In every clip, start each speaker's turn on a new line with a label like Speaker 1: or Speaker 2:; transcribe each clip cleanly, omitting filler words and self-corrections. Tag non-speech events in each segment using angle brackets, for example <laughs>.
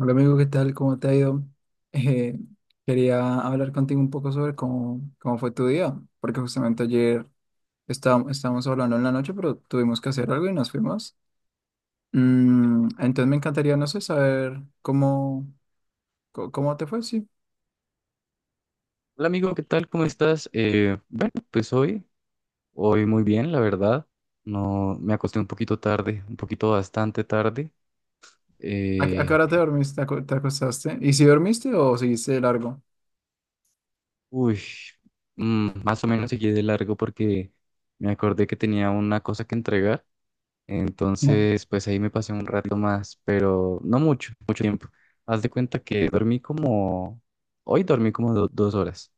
Speaker 1: Hola amigo, ¿qué tal? ¿Cómo te ha ido? Eh, quería hablar contigo un poco sobre cómo fue tu día, porque justamente ayer estábamos hablando en la noche, pero tuvimos que hacer algo y nos fuimos. Entonces me encantaría, no sé, saber cómo te fue, sí.
Speaker 2: Hola amigo, ¿qué tal? ¿Cómo estás? Bueno, pues hoy muy bien, la verdad. No, me acosté un poquito tarde, un poquito bastante tarde.
Speaker 1: ¿A qué
Speaker 2: Eh,
Speaker 1: hora te dormiste? ¿Te acostaste? ¿Y si dormiste o seguiste de largo?
Speaker 2: Uy, más o menos seguí de largo porque me acordé que tenía una cosa que entregar. Entonces,
Speaker 1: <laughs>
Speaker 2: pues ahí me pasé un rato más, pero no mucho, mucho tiempo. Haz de cuenta que hoy dormí como 2 horas,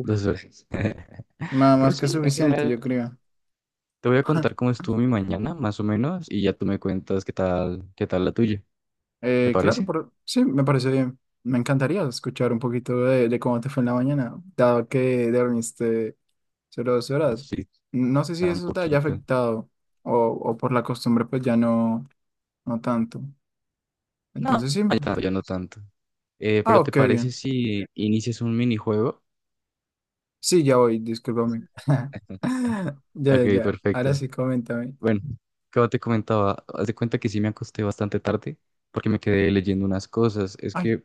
Speaker 2: dos horas. <laughs>
Speaker 1: Nada
Speaker 2: Pero
Speaker 1: más que
Speaker 2: sí, en
Speaker 1: suficiente,
Speaker 2: general.
Speaker 1: yo creo.
Speaker 2: Te voy a contar
Speaker 1: <laughs>
Speaker 2: cómo estuvo mi mañana, más o menos, y ya tú me cuentas qué tal la tuya. ¿Te
Speaker 1: Eh, claro,
Speaker 2: parece?
Speaker 1: por- sí, me parece bien. Me encantaría escuchar un poquito de cómo te fue en la mañana, dado que dormiste solo dos
Speaker 2: O
Speaker 1: horas.
Speaker 2: sí,
Speaker 1: No sé si
Speaker 2: tan
Speaker 1: eso te haya
Speaker 2: poquito.
Speaker 1: afectado o por la costumbre, pues ya no, no tanto.
Speaker 2: No,
Speaker 1: Entonces sí.
Speaker 2: ya tanto, ya no tanto.
Speaker 1: Ah,
Speaker 2: Pero ¿te
Speaker 1: ok,
Speaker 2: parece
Speaker 1: bien.
Speaker 2: si inicias un minijuego?
Speaker 1: Sí, ya voy, discúlpame. <laughs> Ya,
Speaker 2: <laughs> Ok,
Speaker 1: ya, ya. Ahora
Speaker 2: perfecto.
Speaker 1: sí, coméntame.
Speaker 2: Bueno, como te comentaba, haz de cuenta que sí me acosté bastante tarde porque me quedé leyendo unas cosas. Es
Speaker 1: Ay,
Speaker 2: que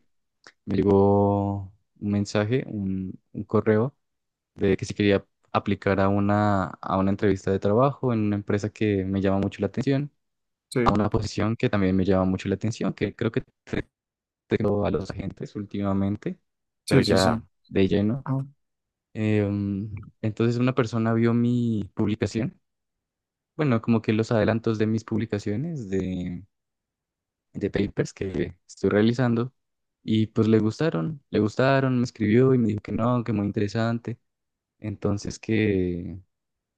Speaker 2: me llegó un correo de que si quería aplicar a una entrevista de trabajo en una empresa que me llama mucho la atención. A
Speaker 1: sí,
Speaker 2: una posición que también me llama mucho la atención, que creo que tengo a los agentes últimamente, pero
Speaker 1: sí, sí, sí.
Speaker 2: ya de lleno.
Speaker 1: Ah,
Speaker 2: Entonces una persona vio mi publicación, bueno, como que los adelantos de mis publicaciones de, papers que estoy realizando, y pues le gustaron, me escribió y me dijo que no, que muy interesante, entonces que,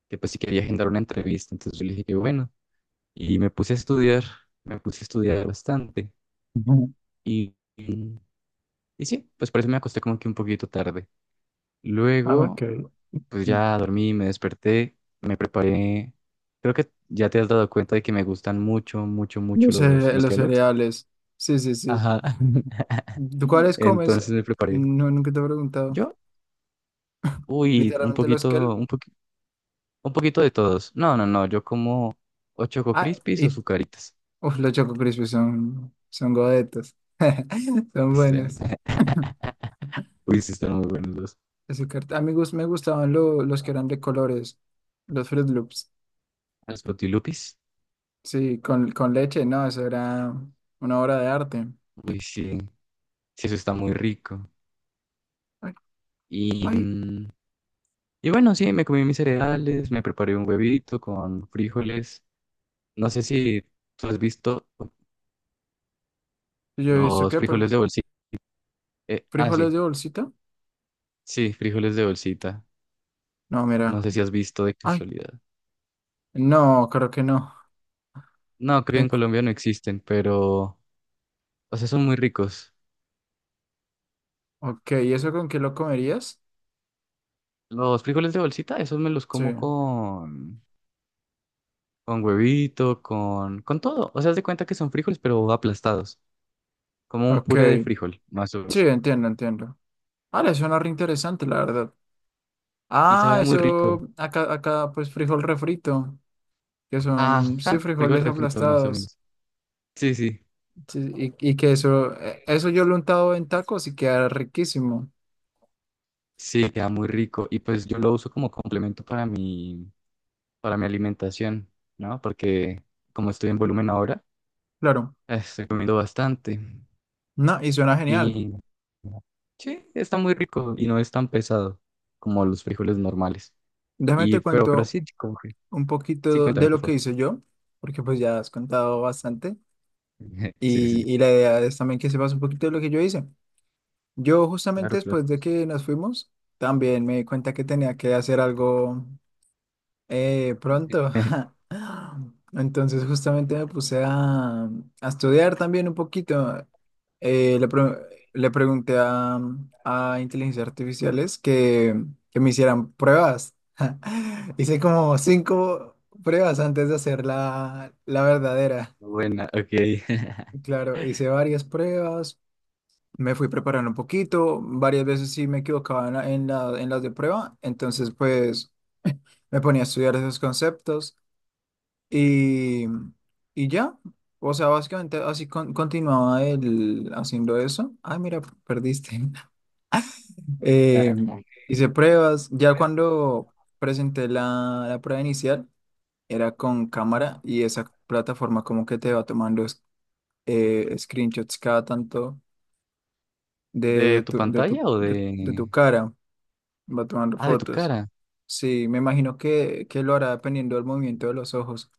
Speaker 2: que pues sí quería agendar una entrevista, entonces yo le dije que bueno, y me puse a estudiar, me puse a estudiar bastante.
Speaker 1: ujú.
Speaker 2: Y, Y sí, pues por eso me acosté como que un poquito tarde.
Speaker 1: Ah, ok.
Speaker 2: Luego, pues ya dormí, me desperté, me preparé. Creo que ya te has dado cuenta de que me gustan mucho, mucho, mucho
Speaker 1: Los,
Speaker 2: los,
Speaker 1: cere-
Speaker 2: los
Speaker 1: los
Speaker 2: Kellogg's.
Speaker 1: cereales. Sí, sí, sí.
Speaker 2: Ajá. <laughs>
Speaker 1: ¿Tú cuáles comes?
Speaker 2: Entonces me preparé.
Speaker 1: No, nunca te he preguntado.
Speaker 2: Yo, uy, un
Speaker 1: Literalmente los que...
Speaker 2: poquito,
Speaker 1: el-
Speaker 2: un poquito de todos. No, no, no, yo como o Choco
Speaker 1: Ah,
Speaker 2: Crispies o
Speaker 1: y...
Speaker 2: Zucaritas.
Speaker 1: Uf, los Choco Crispy son godetas. <laughs> Son
Speaker 2: Sí,
Speaker 1: buenos.
Speaker 2: <laughs> uy, sí, están muy buenos los,
Speaker 1: Azúcar. A mí me gustaban los que eran de colores. Los Fruit Loops.
Speaker 2: los Frutilupis.
Speaker 1: Sí, con leche. No, eso era una obra de arte.
Speaker 2: Uy, sí, sí, eso está muy rico.
Speaker 1: Ay,
Speaker 2: Y...
Speaker 1: ay.
Speaker 2: mm, Y bueno, sí, me comí mis cereales, me preparé un huevito con frijoles. No sé si tú has visto
Speaker 1: Yo he visto
Speaker 2: los
Speaker 1: que...
Speaker 2: frijoles
Speaker 1: por-
Speaker 2: de bolsita. Ah,
Speaker 1: ¿Frijoles
Speaker 2: sí,
Speaker 1: de bolsita?
Speaker 2: sí, frijoles de bolsita.
Speaker 1: No,
Speaker 2: No
Speaker 1: mira.
Speaker 2: sé si has visto de
Speaker 1: Ay,
Speaker 2: casualidad.
Speaker 1: no, creo que no.
Speaker 2: No, creo que en
Speaker 1: Tengo.
Speaker 2: Colombia no existen, pero, o sea, son muy ricos.
Speaker 1: Ok, ¿y eso con qué lo comerías?
Speaker 2: Los frijoles de bolsita, esos me los
Speaker 1: Sí.
Speaker 2: como con, huevito, con todo. O sea, haz de cuenta que son frijoles, pero aplastados, como un
Speaker 1: Ok.
Speaker 2: puré de frijol, más o
Speaker 1: Sí,
Speaker 2: menos.
Speaker 1: entiendo, entiendo. Ah, le suena re interesante, la verdad.
Speaker 2: Y
Speaker 1: Ah,
Speaker 2: sabe muy rico.
Speaker 1: eso, acá, pues frijol refrito, que son, sí,
Speaker 2: Ajá, frijol
Speaker 1: frijoles
Speaker 2: refrito, más o
Speaker 1: aplastados.
Speaker 2: menos. Sí, sí.
Speaker 1: Sí, y que eso yo lo he untado en tacos y queda riquísimo.
Speaker 2: Sí, queda muy rico. Y pues yo lo uso como complemento para mi alimentación, ¿no? Porque como estoy en volumen ahora,
Speaker 1: Claro,
Speaker 2: estoy comiendo bastante.
Speaker 1: no, y suena genial.
Speaker 2: Y sí, está muy rico y no es tan pesado como los frijoles normales.
Speaker 1: Déjame
Speaker 2: Y,
Speaker 1: te
Speaker 2: pero
Speaker 1: cuento
Speaker 2: sí,
Speaker 1: un
Speaker 2: sí,
Speaker 1: poquito
Speaker 2: cuéntame,
Speaker 1: de
Speaker 2: por
Speaker 1: lo que
Speaker 2: favor.
Speaker 1: hice yo, porque pues ya has contado bastante.
Speaker 2: <laughs> Sí,
Speaker 1: Y,
Speaker 2: sí,
Speaker 1: y la idea es también que sepas un poquito de lo que yo hice. Yo justamente
Speaker 2: claro, claro.
Speaker 1: después de que nos fuimos, también me di cuenta que tenía que hacer algo pronto.
Speaker 2: <laughs>
Speaker 1: <laughs> Entonces justamente me puse a estudiar también un poquito. Eh, le, pre- le pregunté a inteligencias artificiales que me hicieran pruebas. <laughs> Hice como cinco pruebas antes de hacer la verdadera.
Speaker 2: Buena, ok.
Speaker 1: Claro, hice varias pruebas, me fui preparando un poquito, varias veces sí me equivocaba en las de prueba, entonces pues me ponía a estudiar esos conceptos. Y, y ya, o sea, básicamente así continuaba él haciendo eso. Ay, mira, perdiste. <laughs> Eh,
Speaker 2: <laughs>
Speaker 1: hice pruebas. Ya cuando presenté la prueba inicial, era con cámara y esa plataforma como que te va tomando screenshots cada tanto de,
Speaker 2: ¿De
Speaker 1: de
Speaker 2: tu
Speaker 1: tu, de
Speaker 2: pantalla
Speaker 1: tu,
Speaker 2: o
Speaker 1: de, de
Speaker 2: de?
Speaker 1: tu cara, va tomando
Speaker 2: Ah, de tu
Speaker 1: fotos.
Speaker 2: cara.
Speaker 1: Sí, me imagino que lo hará dependiendo del movimiento de los ojos.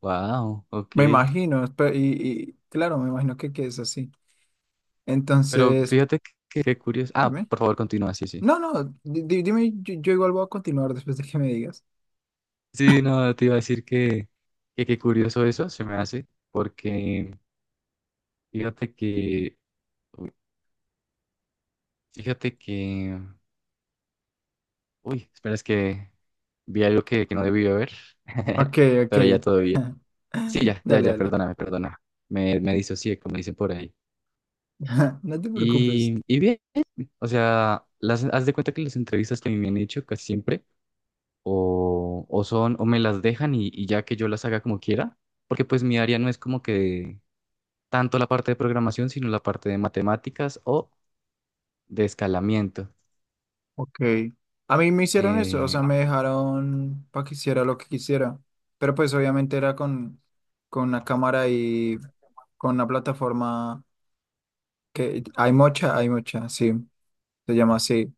Speaker 2: Wow,
Speaker 1: Me
Speaker 2: ok.
Speaker 1: imagino, y claro, me imagino que es así.
Speaker 2: Pero
Speaker 1: Entonces,
Speaker 2: fíjate que, curioso. Ah,
Speaker 1: dime.
Speaker 2: por favor, continúa, sí, sí.
Speaker 1: No, no, dime, yo igual voy a continuar después de que me digas.
Speaker 2: Sí, no, te iba a decir que qué curioso eso se me hace, porque fíjate que, uy, fíjate que, uy, espera, es que vi algo que no debí ver, <laughs>
Speaker 1: Ok, ok.
Speaker 2: pero ya todo bien.
Speaker 1: <laughs>
Speaker 2: Sí, ya, ya,
Speaker 1: Dale,
Speaker 2: ya,
Speaker 1: dale.
Speaker 2: perdóname, perdona. Me disocié, como dicen por ahí.
Speaker 1: <laughs> No te preocupes.
Speaker 2: Y bien, o sea, haz de cuenta que las entrevistas que a mí me han hecho casi siempre o me las dejan y ya que yo las haga como quiera, porque pues mi área no es como que tanto la parte de programación, sino la parte de matemáticas o de escalamiento.
Speaker 1: Ok. A mí me hicieron eso, o
Speaker 2: Eh,
Speaker 1: sea, me dejaron para que hiciera lo que quisiera. Pero pues obviamente era con una cámara y con una plataforma que hay mucha, sí, se llama así.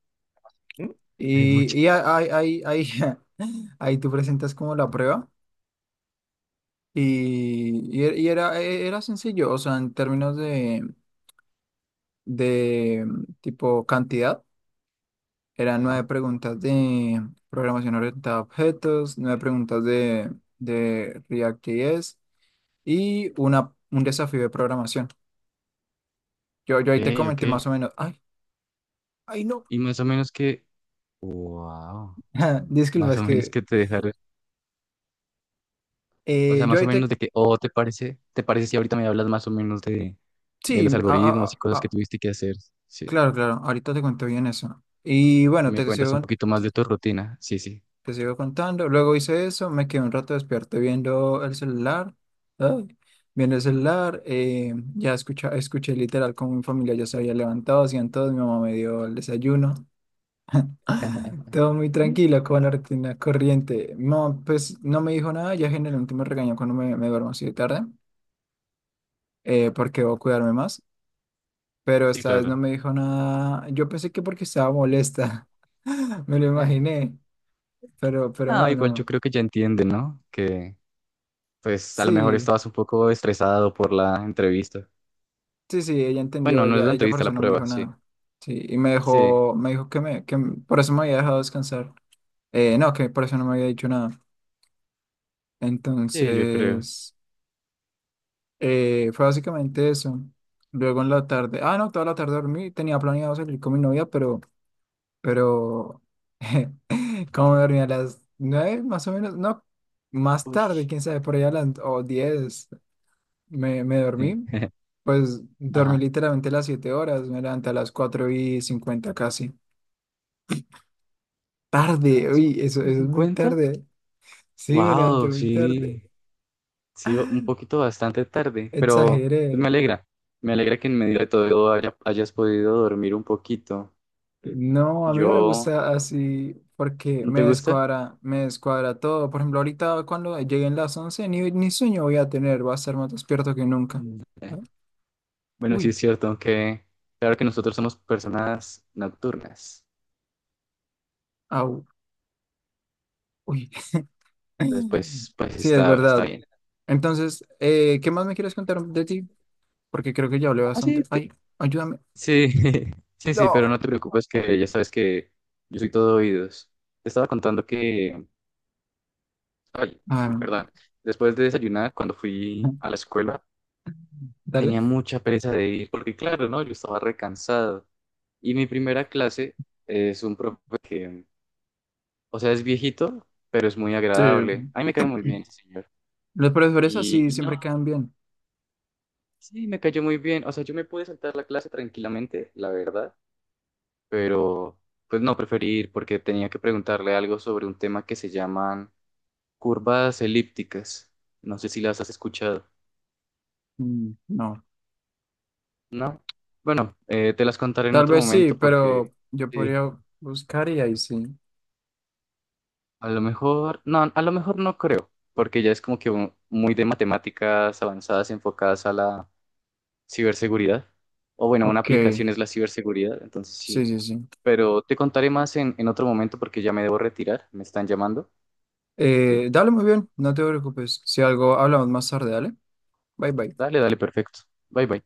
Speaker 2: ¿Mm? Hay
Speaker 1: Y,
Speaker 2: mucho.
Speaker 1: y ahí, <laughs> ahí tú presentas como la prueba. Y, y era, era sencillo, o sea, en términos de tipo cantidad, eran
Speaker 2: Ajá.
Speaker 1: nueve preguntas de programación orientada a objetos, nueve preguntas de React.js y un desafío de programación. Yo
Speaker 2: Ok,
Speaker 1: ahí te
Speaker 2: ok.
Speaker 1: comenté más o menos, ay, ay no,
Speaker 2: Y más o menos que, wow,
Speaker 1: <laughs> disculpa,
Speaker 2: más o
Speaker 1: es
Speaker 2: menos
Speaker 1: que
Speaker 2: que te dejaron, o sea,
Speaker 1: yo
Speaker 2: más o
Speaker 1: ahí
Speaker 2: menos
Speaker 1: te,
Speaker 2: de que, o te parece si ahorita me hablas más o menos de,
Speaker 1: sí,
Speaker 2: los algoritmos y cosas que tuviste que hacer, sí.
Speaker 1: Claro, ahorita te cuento bien eso. Y
Speaker 2: Y
Speaker 1: bueno,
Speaker 2: me
Speaker 1: te
Speaker 2: cuentas un
Speaker 1: sigo
Speaker 2: poquito más de tu rutina, sí, sí.
Speaker 1: Te sigo contando. Luego hice eso, me quedé un rato despierto viendo el celular. Ay, viendo el celular, escuché literal como mi familia ya se había levantado, hacían todo, mi mamá me dio el desayuno. <laughs>
Speaker 2: <laughs>
Speaker 1: Todo muy tranquilo, como la rutina corriente. Mi mamá, pues no me dijo nada, ya generalmente me regañó cuando me duermo así de tarde, porque debo cuidarme más. Pero
Speaker 2: Sí,
Speaker 1: esta vez no
Speaker 2: claro.
Speaker 1: me dijo nada. Yo pensé que porque estaba molesta, <laughs> me lo imaginé, pero
Speaker 2: No,
Speaker 1: no,
Speaker 2: igual yo
Speaker 1: no.
Speaker 2: creo que ya entienden, ¿no? Que pues a lo mejor
Speaker 1: Sí.
Speaker 2: estabas un poco estresado por la entrevista.
Speaker 1: Sí, sí, ella
Speaker 2: Bueno,
Speaker 1: entendió,
Speaker 2: no es
Speaker 1: ella,
Speaker 2: la
Speaker 1: ella por
Speaker 2: entrevista, la
Speaker 1: eso no me
Speaker 2: prueba,
Speaker 1: dijo
Speaker 2: sí.
Speaker 1: nada. Sí, y me
Speaker 2: Sí,
Speaker 1: dejó, me dijo que me, que m- por eso me había dejado descansar. No, que por eso no me había dicho nada.
Speaker 2: sí, yo creo.
Speaker 1: Entonces, fue básicamente eso. Luego en la tarde, ah, no, toda la tarde dormí, tenía planeado salir con mi novia, pero, <laughs> cómo me dormí a las 9 más o menos, no, más
Speaker 2: Uy.
Speaker 1: tarde, quién sabe, por allá a las o 10 me
Speaker 2: Sí.
Speaker 1: dormí. Pues dormí
Speaker 2: Ajá.
Speaker 1: literalmente las 7 horas, me levanté a las 4:50 casi.
Speaker 2: A
Speaker 1: Tarde,
Speaker 2: las cuatro
Speaker 1: uy, eso
Speaker 2: y
Speaker 1: es muy
Speaker 2: cincuenta.
Speaker 1: tarde. Sí, me levanté
Speaker 2: Wow,
Speaker 1: muy tarde.
Speaker 2: sí. Sí, un poquito bastante tarde, pero pues,
Speaker 1: Exageré.
Speaker 2: me alegra. Me alegra que en medio de todo hayas podido dormir un poquito. Sí.
Speaker 1: No, a mí no me
Speaker 2: Yo,
Speaker 1: gusta así porque
Speaker 2: ¿no te
Speaker 1: me
Speaker 2: gusta?
Speaker 1: descuadra, me descuadra todo. Por ejemplo, ahorita cuando lleguen las 11 ni sueño voy a tener, va a estar más despierto que nunca.
Speaker 2: Mm.
Speaker 1: Ah,
Speaker 2: Bueno, sí
Speaker 1: uy,
Speaker 2: es cierto, aunque claro que nosotros somos personas nocturnas.
Speaker 1: au, uy. <laughs>
Speaker 2: Después, pues,
Speaker 1: Sí, es
Speaker 2: está
Speaker 1: verdad.
Speaker 2: bien.
Speaker 1: Entonces, ¿qué más me quieres contar de ti? Porque creo que ya hablé
Speaker 2: Ah,
Speaker 1: bastante.
Speaker 2: sí,
Speaker 1: Ay, ayúdame.
Speaker 2: sí, <laughs> sí, sí, pero no
Speaker 1: No.
Speaker 2: te preocupes que ya sabes que yo soy todo oídos. Te estaba contando que, ay,
Speaker 1: Ah,
Speaker 2: perdón, después de desayunar, cuando fui a la
Speaker 1: <laughs>
Speaker 2: escuela,
Speaker 1: dale.
Speaker 2: tenía mucha pereza de ir, porque claro, ¿no? Yo estaba recansado. Y mi primera clase es un profe que, o sea, es viejito, pero es muy
Speaker 1: Sí,
Speaker 2: agradable. A mí me cae muy bien ese señor.
Speaker 1: los profesores
Speaker 2: Y,
Speaker 1: así
Speaker 2: y
Speaker 1: siempre
Speaker 2: no,
Speaker 1: quedan bien.
Speaker 2: sí, me cayó muy bien. O sea, yo me pude saltar la clase tranquilamente, la verdad, pero pues no preferí ir porque tenía que preguntarle algo sobre un tema que se llaman curvas elípticas. No sé si las has escuchado.
Speaker 1: No,
Speaker 2: No. Bueno, te las contaré en
Speaker 1: tal
Speaker 2: otro
Speaker 1: vez sí,
Speaker 2: momento porque
Speaker 1: pero yo
Speaker 2: sí,
Speaker 1: podría buscar y ahí sí.
Speaker 2: a lo mejor, no, a lo mejor no creo, porque ya es como que muy de matemáticas avanzadas enfocadas a la ciberseguridad. O bueno, una
Speaker 1: Ok,
Speaker 2: aplicación es la ciberseguridad, entonces
Speaker 1: sí,
Speaker 2: sí.
Speaker 1: sí, sí.
Speaker 2: Pero te contaré más en, otro momento porque ya me debo retirar, me están llamando. Sí.
Speaker 1: Dale muy bien, no te preocupes. Si algo, hablamos más tarde, dale. Bye, bye.
Speaker 2: Dale, dale, perfecto. Bye, bye.